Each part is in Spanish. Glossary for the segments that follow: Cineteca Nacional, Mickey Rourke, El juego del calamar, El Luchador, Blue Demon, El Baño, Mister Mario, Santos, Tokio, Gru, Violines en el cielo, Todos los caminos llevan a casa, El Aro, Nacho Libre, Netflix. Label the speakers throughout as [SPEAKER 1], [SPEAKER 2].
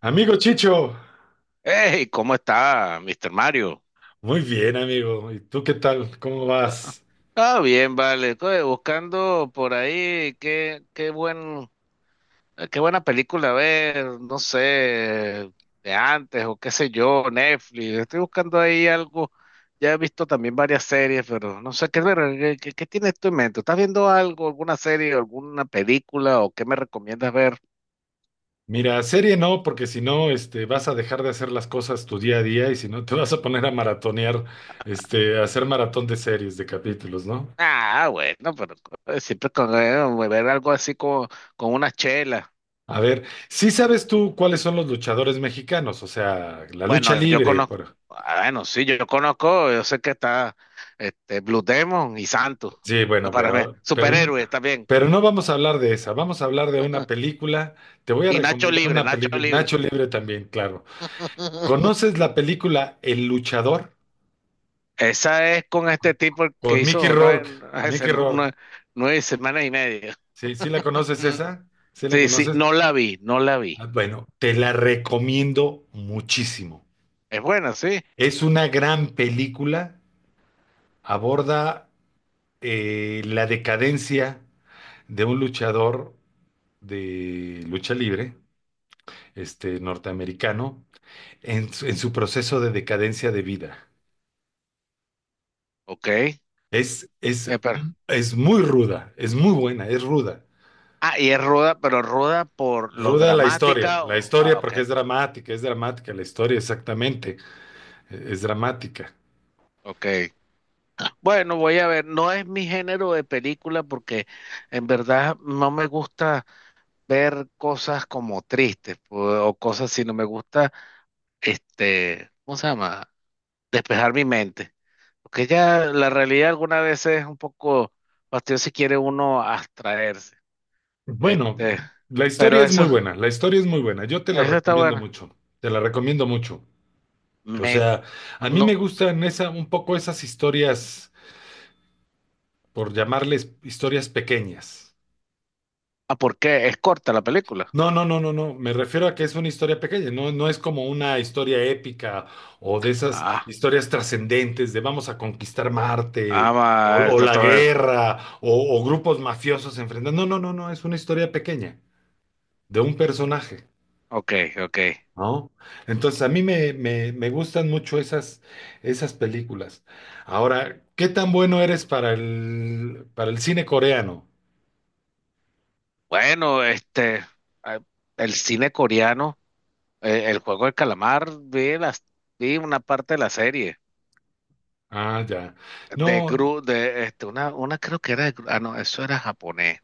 [SPEAKER 1] Amigo Chicho,
[SPEAKER 2] Hey, ¿cómo está, Mister Mario?
[SPEAKER 1] muy bien, amigo. ¿Y tú qué tal? ¿Cómo
[SPEAKER 2] Ah,
[SPEAKER 1] vas?
[SPEAKER 2] Bien, vale. Oye, buscando por ahí qué buena película ver, no sé, de antes o qué sé yo, Netflix. Estoy buscando ahí algo. Ya he visto también varias series, pero no sé qué ver. ¿Qué tienes tú en mente? ¿Estás viendo algo, alguna serie, alguna película o qué me recomiendas ver?
[SPEAKER 1] Mira, serie no, porque si no, vas a dejar de hacer las cosas tu día a día y si no, te vas a poner a maratonear, a hacer maratón de series, de capítulos, ¿no?
[SPEAKER 2] Bueno, pero siempre con ver algo así como con una chela.
[SPEAKER 1] A ver, ¿sí sabes tú cuáles son los luchadores mexicanos? O sea, la lucha
[SPEAKER 2] Bueno, yo
[SPEAKER 1] libre.
[SPEAKER 2] conozco,
[SPEAKER 1] Por...
[SPEAKER 2] bueno, sí, yo conozco, yo sé que está Blue Demon y Santos,
[SPEAKER 1] Sí, bueno,
[SPEAKER 2] para mí, superhéroes también.
[SPEAKER 1] pero no vamos a hablar de esa. Vamos a hablar de una película. Te voy a
[SPEAKER 2] Y Nacho
[SPEAKER 1] recomendar
[SPEAKER 2] Libre,
[SPEAKER 1] una
[SPEAKER 2] Nacho
[SPEAKER 1] película,
[SPEAKER 2] Libre.
[SPEAKER 1] Nacho Libre también, claro. ¿Conoces la película El Luchador?
[SPEAKER 2] Esa es con este tipo el que
[SPEAKER 1] Con Mickey
[SPEAKER 2] hizo
[SPEAKER 1] Rourke,
[SPEAKER 2] nueve, ese,
[SPEAKER 1] Mickey
[SPEAKER 2] nu-
[SPEAKER 1] Rourke.
[SPEAKER 2] nueve, nueve semanas y media.
[SPEAKER 1] Sí, la conoces
[SPEAKER 2] Mm,
[SPEAKER 1] esa, sí la
[SPEAKER 2] sí, sí,
[SPEAKER 1] conoces.
[SPEAKER 2] no la vi, no la vi.
[SPEAKER 1] Ah, bueno, te la recomiendo muchísimo.
[SPEAKER 2] Es buena, sí.
[SPEAKER 1] Es una gran película, aborda la decadencia de un luchador de lucha libre, este norteamericano, en su proceso de decadencia de vida.
[SPEAKER 2] Ok.
[SPEAKER 1] Es, es,
[SPEAKER 2] Pero-
[SPEAKER 1] es muy ruda, es muy buena, es ruda.
[SPEAKER 2] y es ruda, pero ruda por lo
[SPEAKER 1] Ruda
[SPEAKER 2] dramática.
[SPEAKER 1] la
[SPEAKER 2] o- ah,
[SPEAKER 1] historia
[SPEAKER 2] ok,
[SPEAKER 1] porque es dramática, la historia exactamente, es dramática.
[SPEAKER 2] ok. Bueno, voy a ver, no es mi género de película porque en verdad no me gusta ver cosas como tristes o cosas así, no me gusta, ¿cómo se llama? Despejar mi mente. Porque ya la realidad alguna vez es un poco fastidiosa si quiere uno abstraerse.
[SPEAKER 1] Bueno,
[SPEAKER 2] Este,
[SPEAKER 1] la historia
[SPEAKER 2] pero
[SPEAKER 1] es
[SPEAKER 2] eso,
[SPEAKER 1] muy buena, la historia es muy buena, yo te la
[SPEAKER 2] eso está
[SPEAKER 1] recomiendo
[SPEAKER 2] bueno.
[SPEAKER 1] mucho, te la recomiendo mucho. O
[SPEAKER 2] Me,
[SPEAKER 1] sea, a mí
[SPEAKER 2] no,
[SPEAKER 1] me gustan esa, un poco esas historias, por llamarles historias pequeñas.
[SPEAKER 2] ¿por qué? Es corta la película.
[SPEAKER 1] No, no, no, no, no. Me refiero a que es una historia pequeña, no, no es como una historia épica o de esas
[SPEAKER 2] Ah,
[SPEAKER 1] historias trascendentes de vamos a conquistar Marte o
[SPEAKER 2] Está
[SPEAKER 1] la
[SPEAKER 2] todo eso.
[SPEAKER 1] guerra o grupos mafiosos enfrentando. No, no, no, no. Es una historia pequeña de un personaje,
[SPEAKER 2] Ok, ok.
[SPEAKER 1] ¿no? Entonces a mí me gustan mucho esas, esas películas. Ahora, ¿qué tan bueno eres para para el cine coreano?
[SPEAKER 2] Bueno, ah, el cine coreano, el juego del calamar, vi una parte de la serie
[SPEAKER 1] Ah, ya.
[SPEAKER 2] de
[SPEAKER 1] No,
[SPEAKER 2] Gru, una creo que era de no, eso era japonés,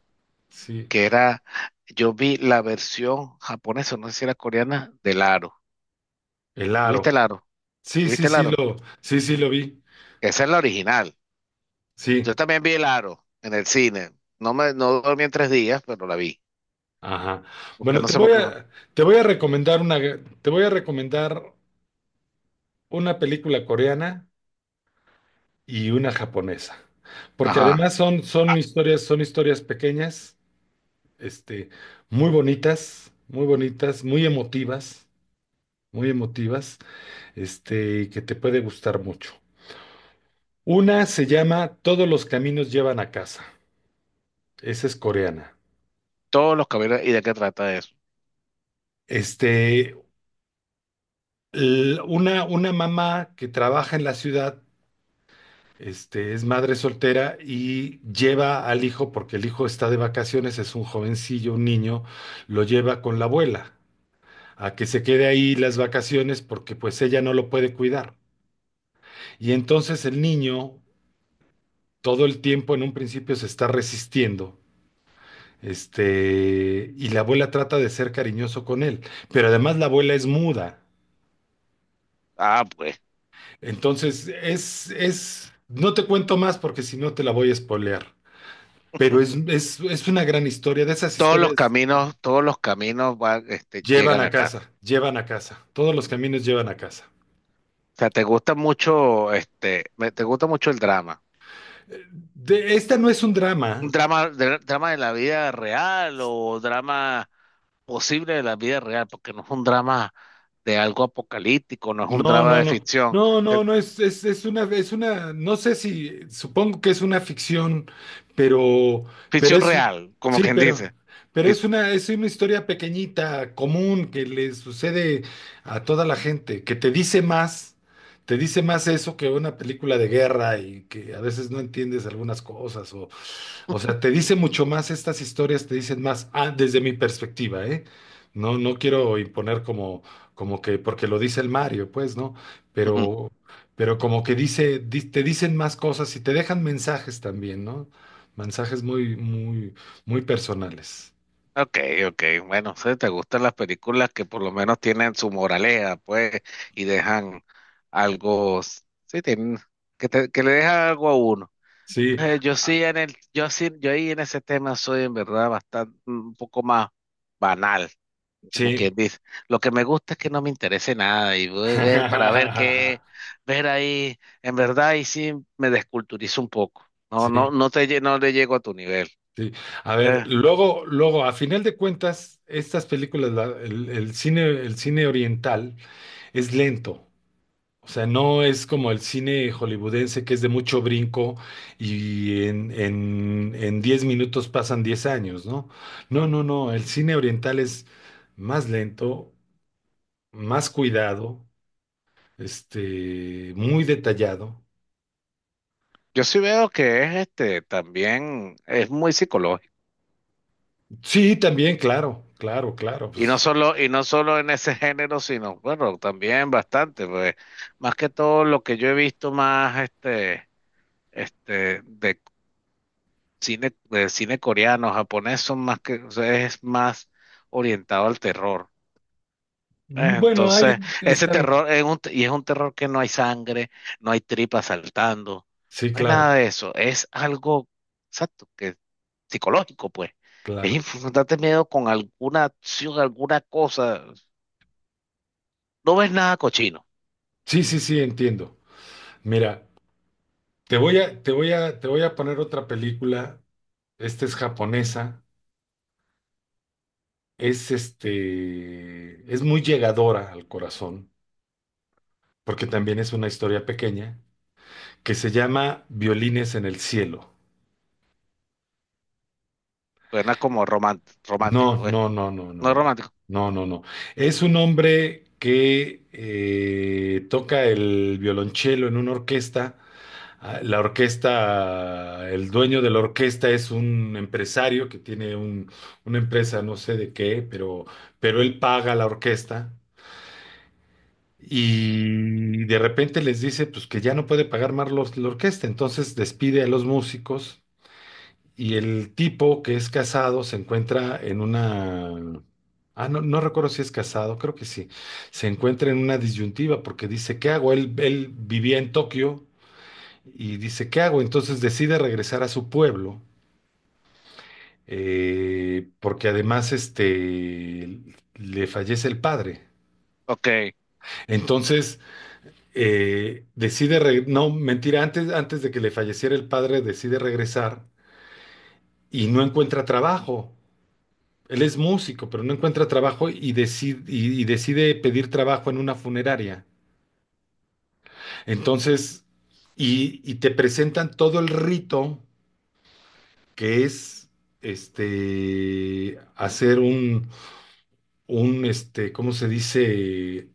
[SPEAKER 1] sí.
[SPEAKER 2] que era, yo vi la versión japonesa, no sé si era coreana, del Aro.
[SPEAKER 1] El
[SPEAKER 2] ¿Tuviste
[SPEAKER 1] aro.
[SPEAKER 2] el Aro?
[SPEAKER 1] Sí,
[SPEAKER 2] ¿Tuviste
[SPEAKER 1] sí,
[SPEAKER 2] el
[SPEAKER 1] sí
[SPEAKER 2] Aro?
[SPEAKER 1] lo, sí, sí lo vi.
[SPEAKER 2] Esa es la original. Yo
[SPEAKER 1] Sí,
[SPEAKER 2] también vi el Aro en el cine. No dormí en 3 días, pero la vi,
[SPEAKER 1] ajá.
[SPEAKER 2] porque
[SPEAKER 1] Bueno,
[SPEAKER 2] no sé por qué.
[SPEAKER 1] te voy a recomendar una, te voy a recomendar una película coreana y una japonesa, porque
[SPEAKER 2] Ajá,
[SPEAKER 1] además son, son historias pequeñas, este, muy bonitas, muy bonitas, muy emotivas, que te puede gustar mucho. Una se llama Todos los caminos llevan a casa. Esa es coreana.
[SPEAKER 2] todos los caballeros, ¿y de qué trata eso?
[SPEAKER 1] Este, una mamá que trabaja en la ciudad, es madre soltera y lleva al hijo, porque el hijo está de vacaciones, es un jovencillo, un niño, lo lleva con la abuela a que se quede ahí las vacaciones porque pues ella no lo puede cuidar. Y entonces el niño todo el tiempo en un principio se está resistiendo. Y la abuela trata de ser cariñoso con él, pero además la abuela es muda.
[SPEAKER 2] Ah, pues.
[SPEAKER 1] Entonces, no te cuento más porque si no te la voy a spoilear, pero es una gran historia, de esas
[SPEAKER 2] todos los
[SPEAKER 1] historias
[SPEAKER 2] caminos, todos los caminos van, este, llegan a casa.
[SPEAKER 1] llevan a casa, todos los caminos llevan a casa.
[SPEAKER 2] O sea, te gusta mucho, te gusta mucho el drama.
[SPEAKER 1] Eh, esta no es un
[SPEAKER 2] Un
[SPEAKER 1] drama.
[SPEAKER 2] drama, drama de la vida real o drama posible de la vida real, porque no es un drama de algo apocalíptico, no es un
[SPEAKER 1] No,
[SPEAKER 2] drama
[SPEAKER 1] no, no. No,
[SPEAKER 2] de
[SPEAKER 1] no, no, es una, no sé si, supongo que es una ficción, pero, pero
[SPEAKER 2] ficción
[SPEAKER 1] es,
[SPEAKER 2] real, como
[SPEAKER 1] sí,
[SPEAKER 2] quien dice.
[SPEAKER 1] pero
[SPEAKER 2] Fi-
[SPEAKER 1] es una historia pequeñita, común, que le sucede a toda la gente, que te dice más eso que una película de guerra y que a veces no entiendes algunas cosas o sea, te dice mucho más, estas historias te dicen más, desde mi perspectiva, ¿eh? No, no quiero imponer como, como que, porque lo dice el Mario, pues, ¿no?
[SPEAKER 2] Ujú.
[SPEAKER 1] Pero, pero como que te dicen más cosas y te dejan mensajes también, ¿no? Mensajes muy personales.
[SPEAKER 2] Ok, ok, bueno, sí, te gustan las películas que por lo menos tienen su moraleja, pues, y dejan algo, sí, que le deja algo a uno.
[SPEAKER 1] Sí,
[SPEAKER 2] Yo
[SPEAKER 1] ah,
[SPEAKER 2] sí en el, yo sí, yo ahí en ese tema soy en verdad bastante un poco más banal, como
[SPEAKER 1] sí.
[SPEAKER 2] quien dice. Lo que me gusta es que no me interese nada y voy a ver para ver qué, ver ahí, en verdad y sí me desculturizo un poco. No, no,
[SPEAKER 1] Sí,
[SPEAKER 2] no le llego a tu nivel.
[SPEAKER 1] sí. A ver,
[SPEAKER 2] Eh,
[SPEAKER 1] luego, luego, a final de cuentas, estas películas, el cine oriental es lento. O sea, no es como el cine hollywoodense que es de mucho brinco y en 10 minutos pasan 10 años, ¿no? No, no, no, el cine oriental es más lento, más cuidado, muy detallado.
[SPEAKER 2] yo sí veo que es este también es muy psicológico.
[SPEAKER 1] Sí, también, claro,
[SPEAKER 2] Y no
[SPEAKER 1] pues
[SPEAKER 2] solo, y no solo en ese género, sino, bueno, también bastante, pues, más que todo lo que yo he visto más de cine, el cine coreano, japonés son más que, o sea, es más orientado al terror.
[SPEAKER 1] mm, bueno, ahí
[SPEAKER 2] Entonces, ese
[SPEAKER 1] están.
[SPEAKER 2] terror es un terror que no hay sangre, no hay tripas saltando,
[SPEAKER 1] Sí,
[SPEAKER 2] no hay nada
[SPEAKER 1] claro,
[SPEAKER 2] de eso. Es algo, exacto, que psicológico, pues. Es
[SPEAKER 1] claro.
[SPEAKER 2] infundarte miedo con alguna acción, alguna cosa. No ves nada cochino.
[SPEAKER 1] Sí, sí, sí, entiendo. Mira, te voy a poner otra película. Esta es japonesa. Es es muy llegadora al corazón, porque también es una historia pequeña que se llama Violines en el cielo.
[SPEAKER 2] Suena como
[SPEAKER 1] No,
[SPEAKER 2] romántico, ¿eh?
[SPEAKER 1] no, no, no,
[SPEAKER 2] No
[SPEAKER 1] no,
[SPEAKER 2] es
[SPEAKER 1] no,
[SPEAKER 2] romántico.
[SPEAKER 1] no, no, no. Es un hombre que toca el violonchelo en una orquesta. Ah, la orquesta, el dueño de la orquesta es un empresario que tiene una empresa, no sé de qué, pero él paga a la orquesta y de repente les dice pues que ya no puede pagar más la orquesta, entonces despide a los músicos y el tipo que es casado se encuentra en una... Ah, no, no recuerdo si es casado, creo que sí. Se encuentra en una disyuntiva porque dice, ¿qué hago? Él vivía en Tokio y dice, ¿qué hago? Entonces decide regresar a su pueblo porque además le fallece el padre.
[SPEAKER 2] Ok. O
[SPEAKER 1] Entonces decide, no, mentira, antes, antes de que le falleciera el padre, decide regresar y no encuentra trabajo. Él es músico, pero no encuentra trabajo y decide, y decide pedir trabajo en una funeraria. Entonces, y te presentan todo el rito que es hacer un, ¿cómo se dice?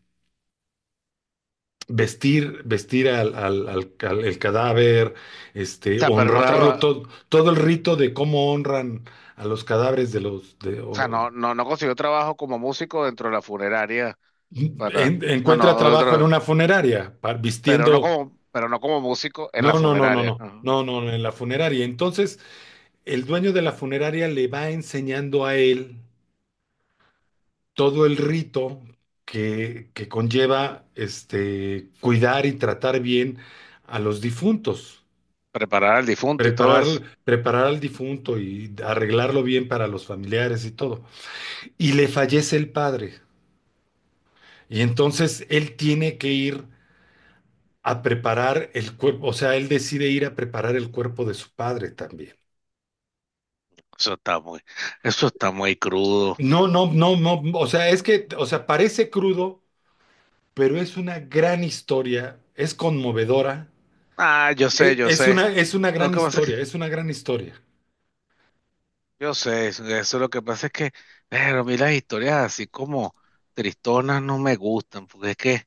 [SPEAKER 1] Vestir, vestir el cadáver,
[SPEAKER 2] sea, pero no
[SPEAKER 1] honrarlo, todo, todo el rito de cómo honran a los cadáveres de los
[SPEAKER 2] o sea, no, no, no consiguió trabajo como músico dentro de la funeraria para, no, no,
[SPEAKER 1] encuentra trabajo en
[SPEAKER 2] otro,
[SPEAKER 1] una funeraria,
[SPEAKER 2] pero no
[SPEAKER 1] vistiendo.
[SPEAKER 2] como, pero no como músico en
[SPEAKER 1] No,
[SPEAKER 2] la
[SPEAKER 1] no, no, no,
[SPEAKER 2] funeraria.
[SPEAKER 1] no,
[SPEAKER 2] Ajá.
[SPEAKER 1] no, no, no, en la funeraria. Entonces, el dueño de la funeraria le va enseñando a él todo el rito que conlleva cuidar y tratar bien a los difuntos.
[SPEAKER 2] Preparar al difunto y todo
[SPEAKER 1] Preparar,
[SPEAKER 2] eso.
[SPEAKER 1] preparar al difunto y arreglarlo bien para los familiares y todo. Y le fallece el padre. Y entonces él tiene que ir a preparar el cuerpo, o sea, él decide ir a preparar el cuerpo de su padre también.
[SPEAKER 2] Eso está muy, eso está muy crudo.
[SPEAKER 1] No, no, no, no, o sea, es que, o sea, parece crudo, pero es una gran historia, es conmovedora,
[SPEAKER 2] Ah, yo sé, yo sé.
[SPEAKER 1] es una
[SPEAKER 2] Lo
[SPEAKER 1] gran
[SPEAKER 2] que pasa es que,
[SPEAKER 1] historia, es una gran historia.
[SPEAKER 2] yo sé, eso es lo que pasa es que, pero a mí las historias así como tristonas no me gustan, porque es que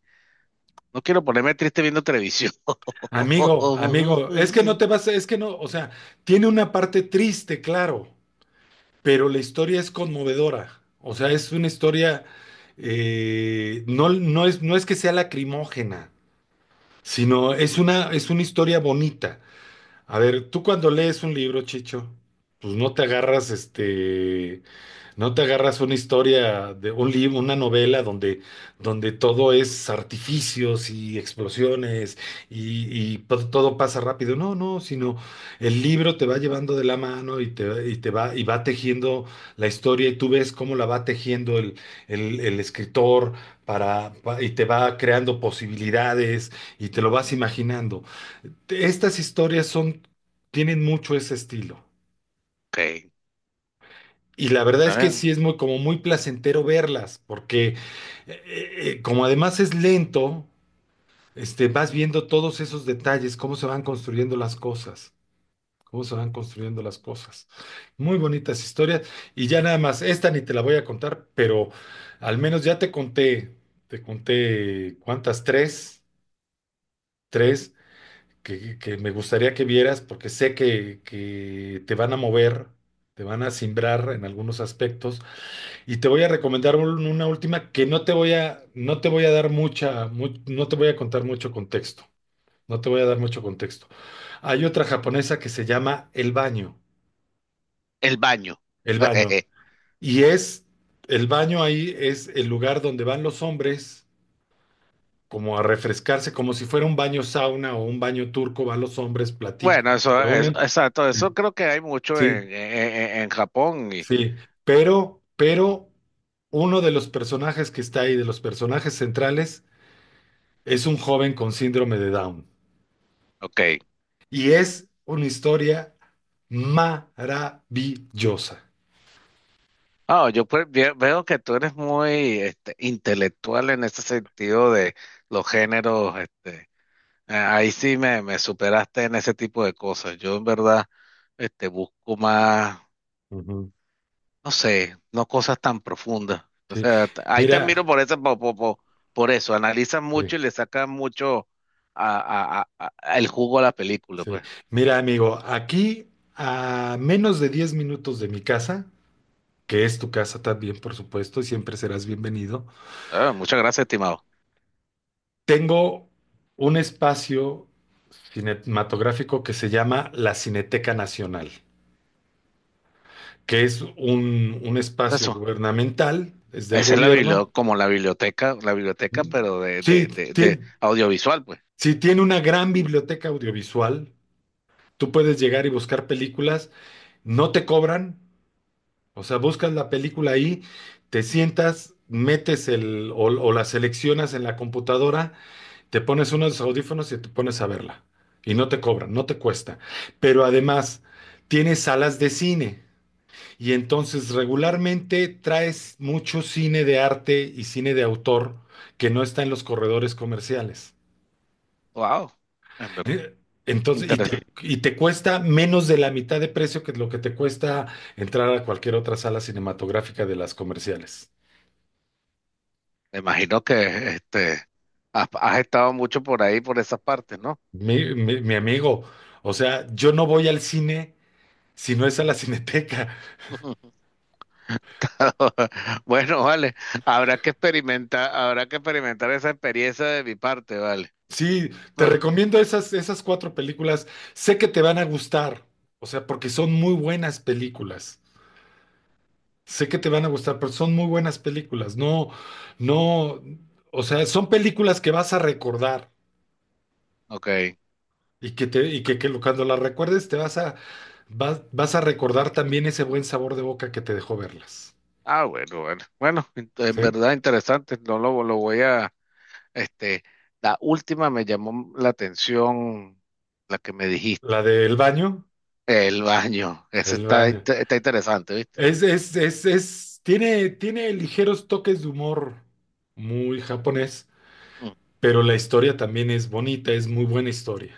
[SPEAKER 2] no quiero ponerme triste viendo televisión.
[SPEAKER 1] Amigo, amigo, es que no te vas, es que no, o sea, tiene una parte triste, claro, pero la historia es conmovedora. O sea, es una historia, no, no es, no es que sea lacrimógena, sino es una historia bonita. A ver, tú cuando lees un libro, Chicho, pues no te agarras no te agarras una historia de un libro, una novela donde, donde todo es artificios y explosiones y todo pasa rápido. No, no, sino el libro te va llevando de la mano y te va, y va tejiendo la historia y tú ves cómo la va tejiendo el escritor para, y te va creando posibilidades y te lo vas imaginando. Estas historias son, tienen mucho ese estilo.
[SPEAKER 2] Ok,
[SPEAKER 1] Y la verdad
[SPEAKER 2] a
[SPEAKER 1] es que
[SPEAKER 2] ver,
[SPEAKER 1] sí es muy, como muy placentero verlas, porque como además es lento, vas viendo todos esos detalles, cómo se van construyendo las cosas, cómo se van construyendo las cosas. Muy bonitas historias. Y ya nada más, esta ni te la voy a contar, pero al menos ya te conté cuántas, tres, tres que me gustaría que vieras, porque sé que te van a mover, te van a simbrar en algunos aspectos. Y te voy a recomendar una última que no te voy a, no te voy a dar no te voy a contar mucho contexto. No te voy a dar mucho contexto. Hay otra japonesa que se llama El Baño.
[SPEAKER 2] El baño.
[SPEAKER 1] El Baño. Y es, el baño ahí es el lugar donde van los hombres como a refrescarse, como si fuera un baño sauna o un baño turco, van los hombres,
[SPEAKER 2] Bueno,
[SPEAKER 1] platican, se
[SPEAKER 2] eso es
[SPEAKER 1] reúnen.
[SPEAKER 2] exacto. Eso creo que hay mucho
[SPEAKER 1] Sí,
[SPEAKER 2] en Japón.
[SPEAKER 1] sí. Pero uno de los personajes que está ahí, de los personajes centrales, es un joven con síndrome de Down.
[SPEAKER 2] Ok.
[SPEAKER 1] Y es una historia maravillosa.
[SPEAKER 2] Ah, yo pues veo que tú eres muy intelectual en ese sentido de los géneros. Ahí sí me superaste en ese tipo de cosas. Yo en verdad busco más,
[SPEAKER 1] Ujú.
[SPEAKER 2] no sé, no cosas tan profundas. O
[SPEAKER 1] Sí.
[SPEAKER 2] sea, ahí te admiro
[SPEAKER 1] Mira,
[SPEAKER 2] por eso, eso. Analizas
[SPEAKER 1] sí,
[SPEAKER 2] mucho y le sacas mucho a el jugo a la película,
[SPEAKER 1] sí.
[SPEAKER 2] pues.
[SPEAKER 1] Mira, amigo, aquí a menos de 10 minutos de mi casa, que es tu casa también, por supuesto, y siempre serás bienvenido,
[SPEAKER 2] Ah, muchas gracias, estimado.
[SPEAKER 1] tengo un espacio cinematográfico que se llama la Cineteca Nacional, que es un espacio
[SPEAKER 2] Eso.
[SPEAKER 1] gubernamental, es del
[SPEAKER 2] Esa es la
[SPEAKER 1] gobierno.
[SPEAKER 2] biblioteca, como la biblioteca,
[SPEAKER 1] Mm.
[SPEAKER 2] pero de,
[SPEAKER 1] Sí,
[SPEAKER 2] de, de, de
[SPEAKER 1] tiene,
[SPEAKER 2] audiovisual, pues.
[SPEAKER 1] sí, tiene una gran biblioteca audiovisual. Tú puedes llegar y buscar películas, no te cobran, o sea, buscas la película ahí, te sientas, o la seleccionas en la computadora, te pones unos audífonos y te pones a verla. Y no te cobran, no te cuesta. Pero además, tiene salas de cine. Y entonces regularmente traes mucho cine de arte y cine de autor que no está en los corredores comerciales.
[SPEAKER 2] Wow, en verdad,
[SPEAKER 1] Eh, Entonces,
[SPEAKER 2] interesante.
[SPEAKER 1] y te cuesta menos de la mitad de precio que lo que te cuesta entrar a cualquier otra sala cinematográfica de las comerciales.
[SPEAKER 2] Me imagino que este has estado mucho por ahí, por esas partes, ¿no?
[SPEAKER 1] Mi amigo, o sea, yo no voy al cine si no es a la Cineteca.
[SPEAKER 2] Bueno, vale, habrá que experimentar esa experiencia de mi parte, vale.
[SPEAKER 1] Sí, te
[SPEAKER 2] Pero,
[SPEAKER 1] recomiendo esas, esas cuatro películas. Sé que te van a gustar, o sea, porque son muy buenas películas. Sé que te van a gustar, pero son muy buenas películas. No, no, o sea, son películas que vas a recordar.
[SPEAKER 2] ok.
[SPEAKER 1] Y que te, y que cuando la recuerdes te vas a, vas a recordar también ese buen sabor de boca que te dejó verlas.
[SPEAKER 2] Ah, bueno, bueno. Bueno, en
[SPEAKER 1] ¿Sí?
[SPEAKER 2] verdad interesante. No lo voy a, este, la última me llamó la atención, la que me
[SPEAKER 1] La
[SPEAKER 2] dijiste.
[SPEAKER 1] del baño,
[SPEAKER 2] El baño, eso
[SPEAKER 1] el baño.
[SPEAKER 2] está interesante, ¿viste?
[SPEAKER 1] Es, tiene, tiene ligeros toques de humor muy japonés,
[SPEAKER 2] Mm,
[SPEAKER 1] pero la historia también es bonita, es muy buena historia.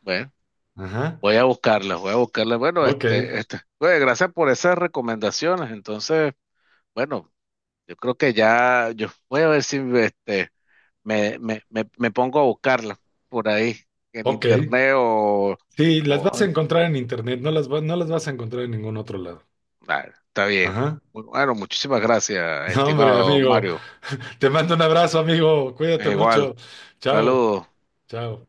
[SPEAKER 2] bueno,
[SPEAKER 1] Ajá.
[SPEAKER 2] voy a buscarla, voy a buscarla. Bueno,
[SPEAKER 1] Ok,
[SPEAKER 2] oye, gracias por esas recomendaciones. Entonces, bueno, yo creo que ya, yo voy a ver si me pongo a buscarla por ahí, en
[SPEAKER 1] ok.
[SPEAKER 2] internet
[SPEAKER 1] Sí, las
[SPEAKER 2] o-
[SPEAKER 1] vas a encontrar en internet, no las, no las vas a encontrar en ningún otro lado.
[SPEAKER 2] ah, está bien.
[SPEAKER 1] Ajá.
[SPEAKER 2] Bueno, muchísimas gracias,
[SPEAKER 1] No, hombre,
[SPEAKER 2] estimado
[SPEAKER 1] amigo.
[SPEAKER 2] Mario.
[SPEAKER 1] Te mando un abrazo, amigo. Cuídate
[SPEAKER 2] Igual,
[SPEAKER 1] mucho. Chao.
[SPEAKER 2] saludos.
[SPEAKER 1] Chao.